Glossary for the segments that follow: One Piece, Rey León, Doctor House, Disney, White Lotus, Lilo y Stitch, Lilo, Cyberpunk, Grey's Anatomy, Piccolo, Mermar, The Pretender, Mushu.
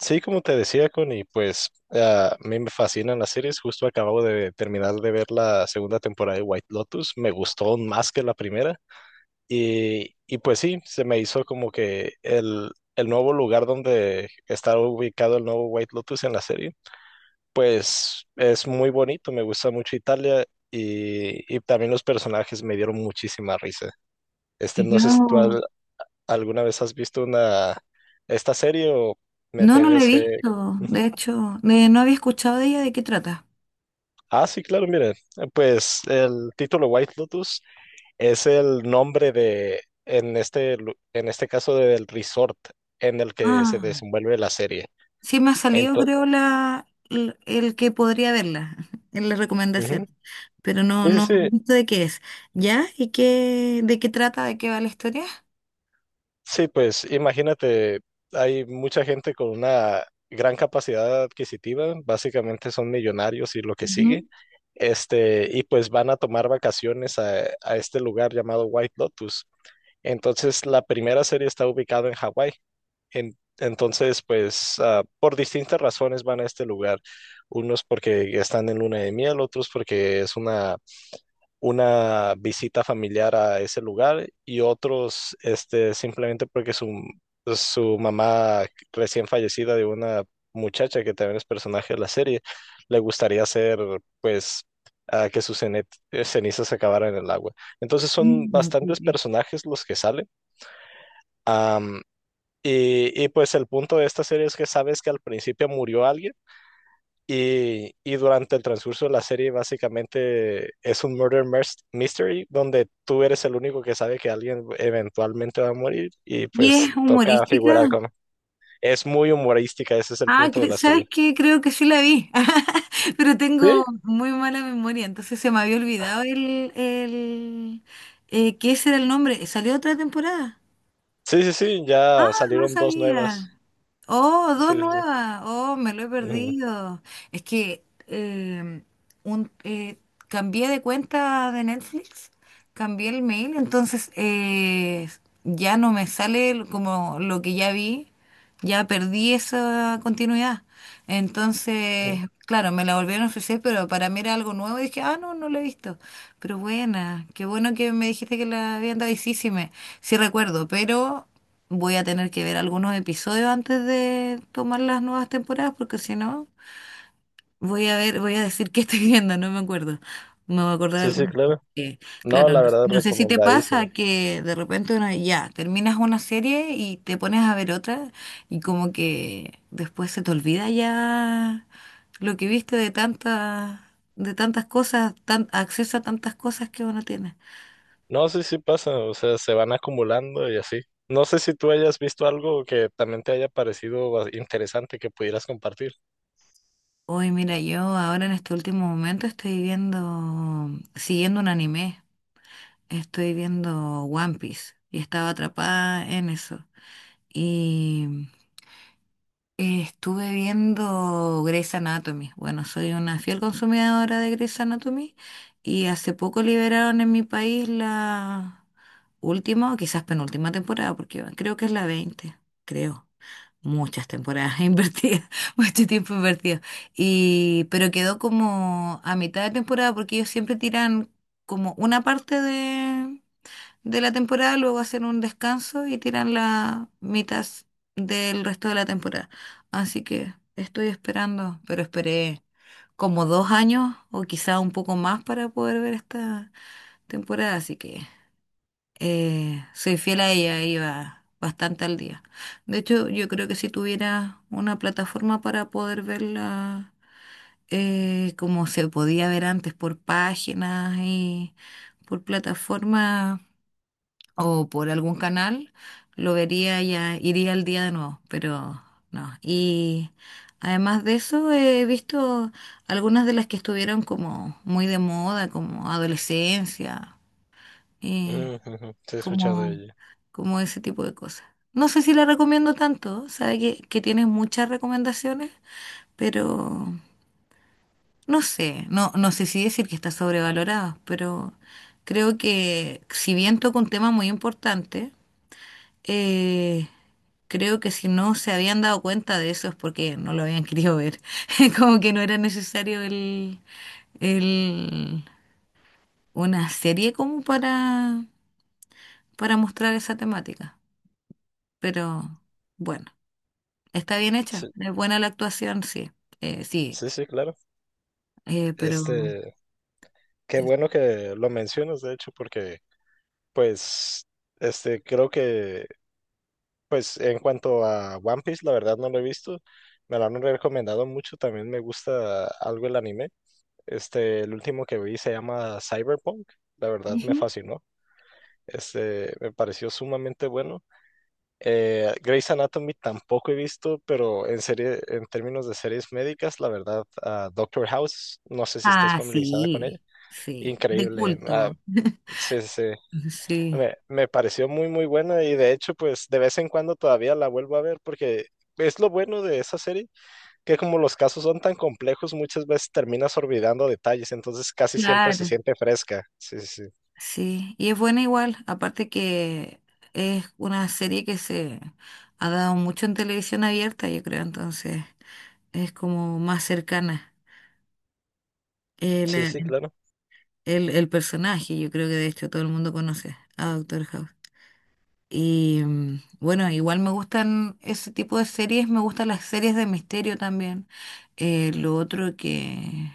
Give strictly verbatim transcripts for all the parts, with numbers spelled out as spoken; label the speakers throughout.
Speaker 1: Sí, como te decía, Connie, pues ah, a mí me fascinan las series. Justo acabo de terminar de ver la segunda temporada de White Lotus. Me gustó aún más que la primera. Y, y pues sí, se me hizo como que el, el nuevo lugar donde está ubicado el nuevo White Lotus en la serie, pues es muy bonito. Me gusta mucho Italia y, y también los personajes me dieron muchísima risa. Este, no
Speaker 2: Yo
Speaker 1: sé si tú
Speaker 2: no,
Speaker 1: al- alguna vez has visto una, esta serie o me
Speaker 2: no no la he
Speaker 1: tengas que...
Speaker 2: visto. De hecho, eh, no había escuchado de ella de qué trata.
Speaker 1: Ah, sí, claro, mire, eh, pues el título White Lotus es el nombre de, en este, lu- en este caso, del resort en el que se
Speaker 2: Ah,
Speaker 1: desenvuelve la serie.
Speaker 2: sí me ha salido,
Speaker 1: Entonces,
Speaker 2: creo, la, el, el que podría verla en la recomendación. Pero no,
Speaker 1: sí, sí,
Speaker 2: no he
Speaker 1: sí,
Speaker 2: visto de qué es. ¿Ya? ¿Y qué, ¿de qué trata? ¿De qué va la historia?
Speaker 1: sí, pues imagínate, hay mucha gente con una gran capacidad adquisitiva, básicamente son millonarios y lo que sigue,
Speaker 2: Ujú.
Speaker 1: este, y pues van a tomar vacaciones a, a este lugar llamado White Lotus. Entonces, la primera serie está ubicada en Hawái. En- entonces, pues ah, por distintas razones van a este lugar. Unos porque están en luna de miel, otros porque es una, una visita familiar a ese lugar y otros este, simplemente porque su, su mamá recién fallecida de una muchacha que también es personaje de la serie, le gustaría hacer pues ah, que sus cene- eh, cenizas se acabaran en el agua. Entonces son
Speaker 2: Mm, ok,
Speaker 1: bastantes
Speaker 2: ok.
Speaker 1: personajes los que salen. Y, y, pues el punto de esta serie es que sabes que al principio murió alguien y, y durante el transcurso de la serie básicamente es un murder mers- mystery donde tú eres el único que sabe que alguien eventualmente va a morir y
Speaker 2: ¿Y
Speaker 1: pues
Speaker 2: es
Speaker 1: toca figurar
Speaker 2: humorística?
Speaker 1: con... Es muy humorística, ese es el
Speaker 2: Ah,
Speaker 1: punto de
Speaker 2: cre-
Speaker 1: la serie.
Speaker 2: ¿sabes qué? Creo que sí la vi, pero
Speaker 1: Sí,
Speaker 2: tengo muy mala memoria, entonces se me había olvidado el, el eh, que ese era el nombre. ¿Salió otra temporada?
Speaker 1: sí, sí, sí,
Speaker 2: Ah,
Speaker 1: ya
Speaker 2: no
Speaker 1: salieron dos nuevas.
Speaker 2: sabía. Oh, dos
Speaker 1: Sí, sí, sí.
Speaker 2: nuevas. Oh, me lo he
Speaker 1: Ujú,
Speaker 2: perdido. Es que em, un, eh, cambié de cuenta de Netflix, cambié el mail, entonces eh, ya no me sale lo- como lo que ya vi, ya perdí esa continuidad. Entonces,
Speaker 1: ujú.
Speaker 2: claro, me la volvieron a ofrecer, pero para mí era algo nuevo y dije, ah, no, no lo he visto. Pero buena, qué bueno que me dijiste que la habían dado y sí, sí me, sí recuerdo, pero voy a tener que ver algunos episodios antes de tomar las nuevas temporadas porque si no, voy a ver, voy a decir qué estoy viendo, no me acuerdo. Me voy a acordar de
Speaker 1: Sí, sí,
Speaker 2: algunas cosas.
Speaker 1: claro. No,
Speaker 2: Claro, no,
Speaker 1: la verdad,
Speaker 2: no sé si te
Speaker 1: recomendadísima.
Speaker 2: pasa que de repente uno ya terminas una serie y te pones a ver otra y como que después se te olvida ya lo que viste de tantas, de tantas cosas, tan, acceso a tantas cosas que uno tiene.
Speaker 1: No, sí, sí pasa, o sea, se van acumulando y así. No sé si tú hayas visto algo que también te haya parecido ba- interesante que pudieras compartir.
Speaker 2: Uy, mira, yo ahora en este último momento estoy viendo, siguiendo un anime, estoy viendo One Piece y estaba atrapada en eso. Y eh, estuve viendo Grey's Anatomy. Bueno, soy una fiel consumidora de Grey's Anatomy y hace poco liberaron en mi país la última o quizás penúltima temporada, porque creo que es la veinte, creo. Muchas temporadas invertidas, mucho tiempo invertido. Y pero quedó como a mitad de temporada porque ellos siempre tiran como una parte de, de la temporada, luego hacen un descanso y tiran la mitad del resto de la temporada. Así que estoy esperando, pero esperé como dos años o quizá un poco más para poder ver esta temporada, así que eh, soy fiel a ella, iba bastante al día. De hecho, yo creo que si tuviera una plataforma para poder verla eh, como se podía ver antes por páginas y por plataforma o por algún canal, lo vería ya, iría al día de nuevo, pero no. Y además de eso, he visto algunas de las que estuvieron como muy de moda, como adolescencia. Y
Speaker 1: Mm, ujú, sí, he escuchado de
Speaker 2: como,
Speaker 1: ella.
Speaker 2: como ese tipo de cosas. No sé si la recomiendo tanto, sabe que, que tiene muchas recomendaciones, pero no sé, no, no sé si decir que está sobrevalorada, pero creo que si bien toca un tema muy importante, eh, creo que si no se habían dado cuenta de eso es porque no lo habían querido ver, como que no era necesario el, el, una serie como para, para mostrar esa temática, pero bueno. Está bien
Speaker 1: Sí,
Speaker 2: hecha, es buena la actuación, sí, eh, sí,
Speaker 1: sí, sí, claro.
Speaker 2: eh, pero...
Speaker 1: Este, qué
Speaker 2: es-
Speaker 1: bueno que lo mencionas, de hecho, porque, pues, este, creo que, pues, en cuanto a One Piece, la verdad no lo he visto. Me lo han recomendado mucho, también me gusta algo el anime. Este, el último que vi se llama Cyberpunk, la verdad me
Speaker 2: Ujú.
Speaker 1: fascinó. Este, me pareció sumamente bueno. Eh, Grey's Anatomy tampoco he visto, pero en serie, en términos de series médicas, la verdad, ah, Doctor House, no sé si estés
Speaker 2: Ah,
Speaker 1: familiarizada con ella.
Speaker 2: sí, sí, de
Speaker 1: Increíble. Ah,
Speaker 2: culto,
Speaker 1: sí, sí, sí.
Speaker 2: sí.
Speaker 1: Me, me pareció muy, muy buena y de hecho, pues de vez en cuando todavía la vuelvo a ver porque es lo bueno de esa serie, que como los casos son tan complejos, muchas veces terminas olvidando detalles, entonces casi siempre se
Speaker 2: Claro,
Speaker 1: siente fresca. Sí, sí, sí.
Speaker 2: sí, y es buena igual, aparte que es una serie que se ha dado mucho en televisión abierta, yo creo, entonces es como más cercana el,
Speaker 1: Sí, sí, claro.
Speaker 2: el, el personaje, yo creo que de hecho todo el mundo conoce a Doctor House. Y mm, bueno, igual me gustan ese tipo de series, me gustan las series de misterio también. Eh, lo otro que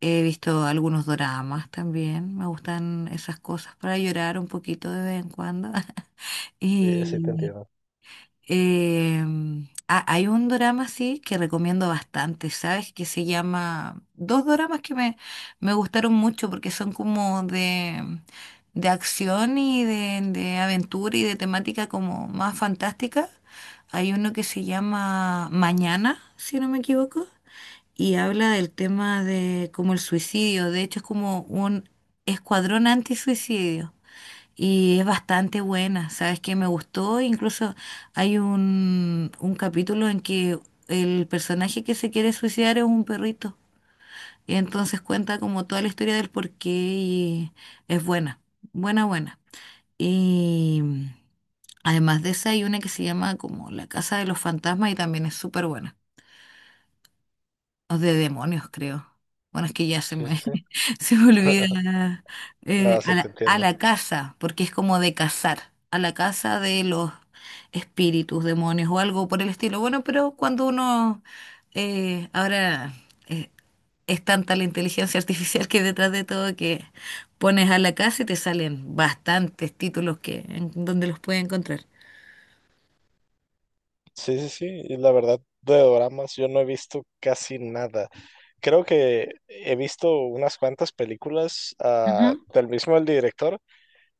Speaker 2: he visto algunos doramas también, me gustan esas cosas para llorar un poquito de vez en cuando.
Speaker 1: Sí, sí, te
Speaker 2: Y
Speaker 1: entiendo.
Speaker 2: Em, ah, hay un drama sí que recomiendo bastante, ¿sabes? Que se llama... Dos dramas que me, me gustaron mucho porque son como de, de acción y de, de aventura y de temática como más fantástica. Hay uno que se llama Mañana, si no me equivoco, y habla del tema de como el suicidio. De hecho, es como un escuadrón antisuicidio. Y es bastante buena, ¿sabes qué? Me gustó, incluso hay un, un capítulo en que el personaje que se quiere suicidar es un perrito. Y entonces cuenta como toda la historia del porqué y es buena, buena, buena. Y además de esa hay una que se llama como La Casa de los Fantasmas y también es súper buena. O de demonios, creo. Bueno, es que ya se
Speaker 1: Sí, sí,
Speaker 2: me,
Speaker 1: sí.
Speaker 2: se me olvida eh,
Speaker 1: No,
Speaker 2: a
Speaker 1: sí te
Speaker 2: la, a
Speaker 1: entiendo.
Speaker 2: la casa, porque es como de cazar, a la casa de los espíritus, demonios o algo por el estilo. Bueno, pero cuando uno eh, ahora eh, es tanta la inteligencia artificial que hay detrás de todo que pones a la casa y te salen bastantes títulos que en donde los puedes encontrar.
Speaker 1: Sí, sí, sí. Y la verdad, de doramas yo no he visto casi nada. Creo que he visto unas cuantas películas ah, del mismo el director,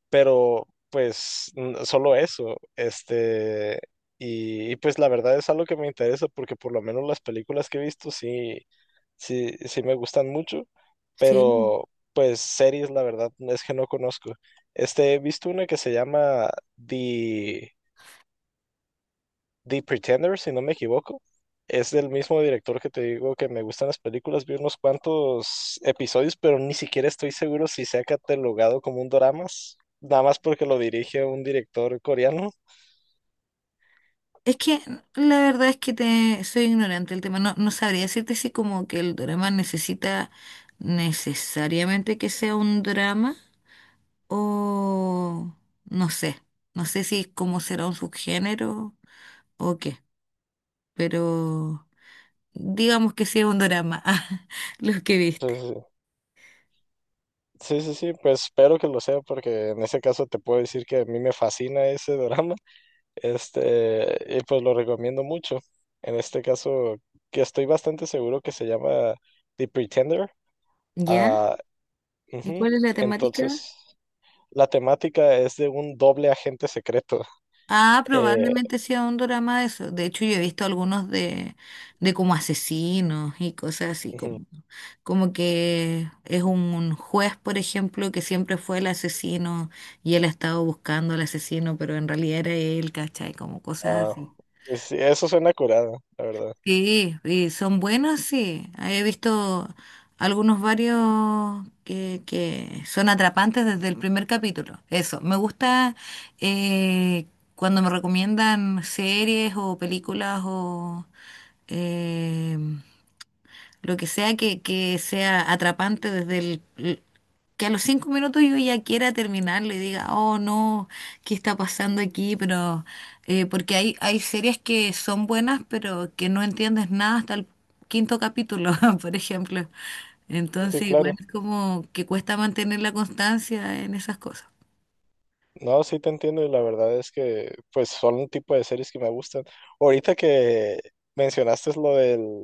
Speaker 1: pero pues n- solo eso. Este, y, y, pues la verdad es algo que me interesa porque por lo menos las películas que he visto sí, sí, sí me gustan mucho,
Speaker 2: Sí.
Speaker 1: pero pues series la verdad es que no conozco. Este, he visto una que se llama The The Pretender, si no me equivoco. Es del mismo director que te digo que me gustan las películas. Vi unos cuantos episodios, pero ni siquiera estoy seguro si se ha catalogado como un drama, nada más porque lo dirige un director coreano.
Speaker 2: Es que la verdad es que te soy ignorante del tema. No, no sabría decirte si como que el drama necesita necesariamente que sea un drama o no sé. No sé si cómo será un subgénero o qué. Pero digamos que sí es un drama, ah, lo que
Speaker 1: Sí,
Speaker 2: viste.
Speaker 1: sí, sí, sí, sí, sí, pues espero que lo sea porque en ese caso te puedo decir que a mí me fascina ese drama. Este, y pues lo recomiendo mucho. En este caso, que estoy bastante seguro que se llama The Pretender.
Speaker 2: ¿Ya?
Speaker 1: Ah,
Speaker 2: ¿Y
Speaker 1: ujú.
Speaker 2: cuál es la temática?
Speaker 1: Entonces, la temática es de un doble agente secreto.
Speaker 2: Ah,
Speaker 1: Eh,
Speaker 2: probablemente sea un drama de eso. De hecho, yo he visto algunos de, de como asesinos y cosas así,
Speaker 1: ujú.
Speaker 2: como, como que es un, un juez, por ejemplo, que siempre fue el asesino y él ha estado buscando al asesino, pero en realidad era él, ¿cachai? Como cosas
Speaker 1: Ah,
Speaker 2: así.
Speaker 1: pues sí, eso suena curado, la verdad.
Speaker 2: Sí, y son buenos, sí. He visto algunos varios que, que son atrapantes desde el primer capítulo. Eso, me gusta eh, cuando me recomiendan series o películas o... eh, lo que sea que, que sea atrapante desde el, el- que a los cinco minutos yo ya quiera terminarlo y diga, oh no, ¿qué está pasando aquí? Pero eh, porque hay, hay series que son buenas, pero que no entiendes nada hasta el quinto capítulo, por ejemplo.
Speaker 1: Sí,
Speaker 2: Entonces, igual
Speaker 1: claro.
Speaker 2: es como que cuesta mantener la constancia en esas cosas.
Speaker 1: No, sí te entiendo y la verdad es que pues son un tipo de series que me gustan. Ahorita que mencionaste lo del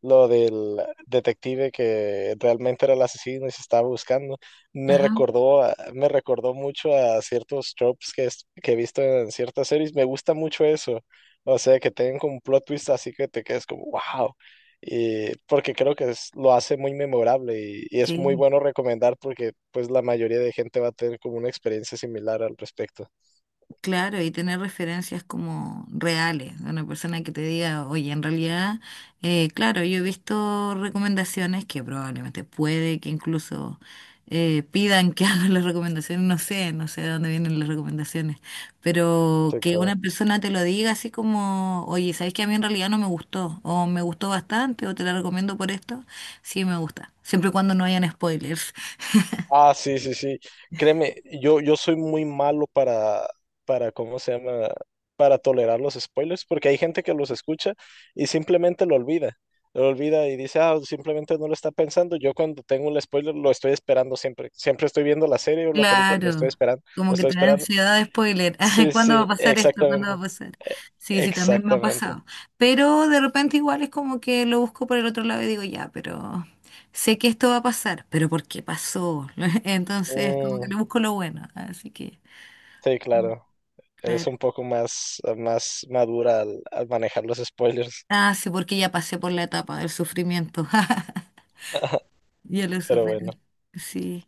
Speaker 1: lo del detective que realmente era el asesino y se estaba buscando, me
Speaker 2: Ajá.
Speaker 1: recordó, a- me recordó mucho a ciertos tropes que, es- que he visto en ciertas series. Me gusta mucho eso. O sea, que tengan como un plot twist así que te quedes como, wow y porque creo que es- lo hace muy memorable y, y es muy
Speaker 2: Sí.
Speaker 1: bueno recomendar porque pues la mayoría de gente va a tener como una experiencia similar al respecto.
Speaker 2: Claro, y tener referencias como reales, de una persona que te diga, oye, en realidad, eh, claro, yo he visto recomendaciones que probablemente puede que incluso eh, pidan que hagan las recomendaciones, no sé, no sé de dónde vienen las recomendaciones, pero
Speaker 1: Sí,
Speaker 2: que una
Speaker 1: claro.
Speaker 2: persona te lo diga así como, oye, ¿sabes que a mí en realidad no me gustó? O me gustó bastante, o te la recomiendo por esto, sí me gusta, siempre y cuando no hayan spoilers.
Speaker 1: Ah, sí, sí, sí. Créeme, yo, yo soy muy malo para, para, ¿cómo se llama? Para tolerar los spoilers, porque hay gente que los escucha y simplemente lo olvida. Lo olvida y dice, ah, simplemente no lo está pensando. Yo cuando tengo un spoiler lo estoy esperando siempre. Siempre estoy viendo la serie o la película, lo estoy
Speaker 2: Claro,
Speaker 1: esperando, lo
Speaker 2: como que
Speaker 1: estoy
Speaker 2: te da
Speaker 1: esperando.
Speaker 2: ansiedad de spoiler. Ay,
Speaker 1: Sí,
Speaker 2: ¿cuándo va
Speaker 1: sí,
Speaker 2: a pasar esto? ¿Cuándo
Speaker 1: exactamente.
Speaker 2: va a pasar?
Speaker 1: E-
Speaker 2: Sí, sí, también me ha
Speaker 1: exactamente.
Speaker 2: pasado. Pero de repente igual es como que lo busco por el otro lado y digo, ya, pero sé que esto va a pasar, pero ¿por qué pasó? Entonces, como que
Speaker 1: Mm,
Speaker 2: le busco lo bueno. Así que,
Speaker 1: sí, claro. Eres
Speaker 2: claro.
Speaker 1: un poco más, más madura al al manejar los spoilers.
Speaker 2: Ah, sí, porque ya pasé por la etapa del sufrimiento. Ya lo
Speaker 1: Pero bueno.
Speaker 2: superé. Sí.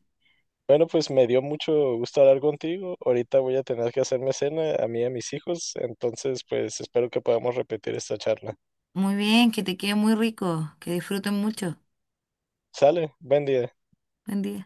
Speaker 1: Bueno, pues me dio mucho gusto hablar contigo. Ahorita voy a tener que hacerme cena a mí y a mis hijos, entonces pues espero que podamos repetir esta charla.
Speaker 2: Muy bien, que te quede muy rico, que disfruten mucho.
Speaker 1: Sale, buen día.
Speaker 2: Buen día.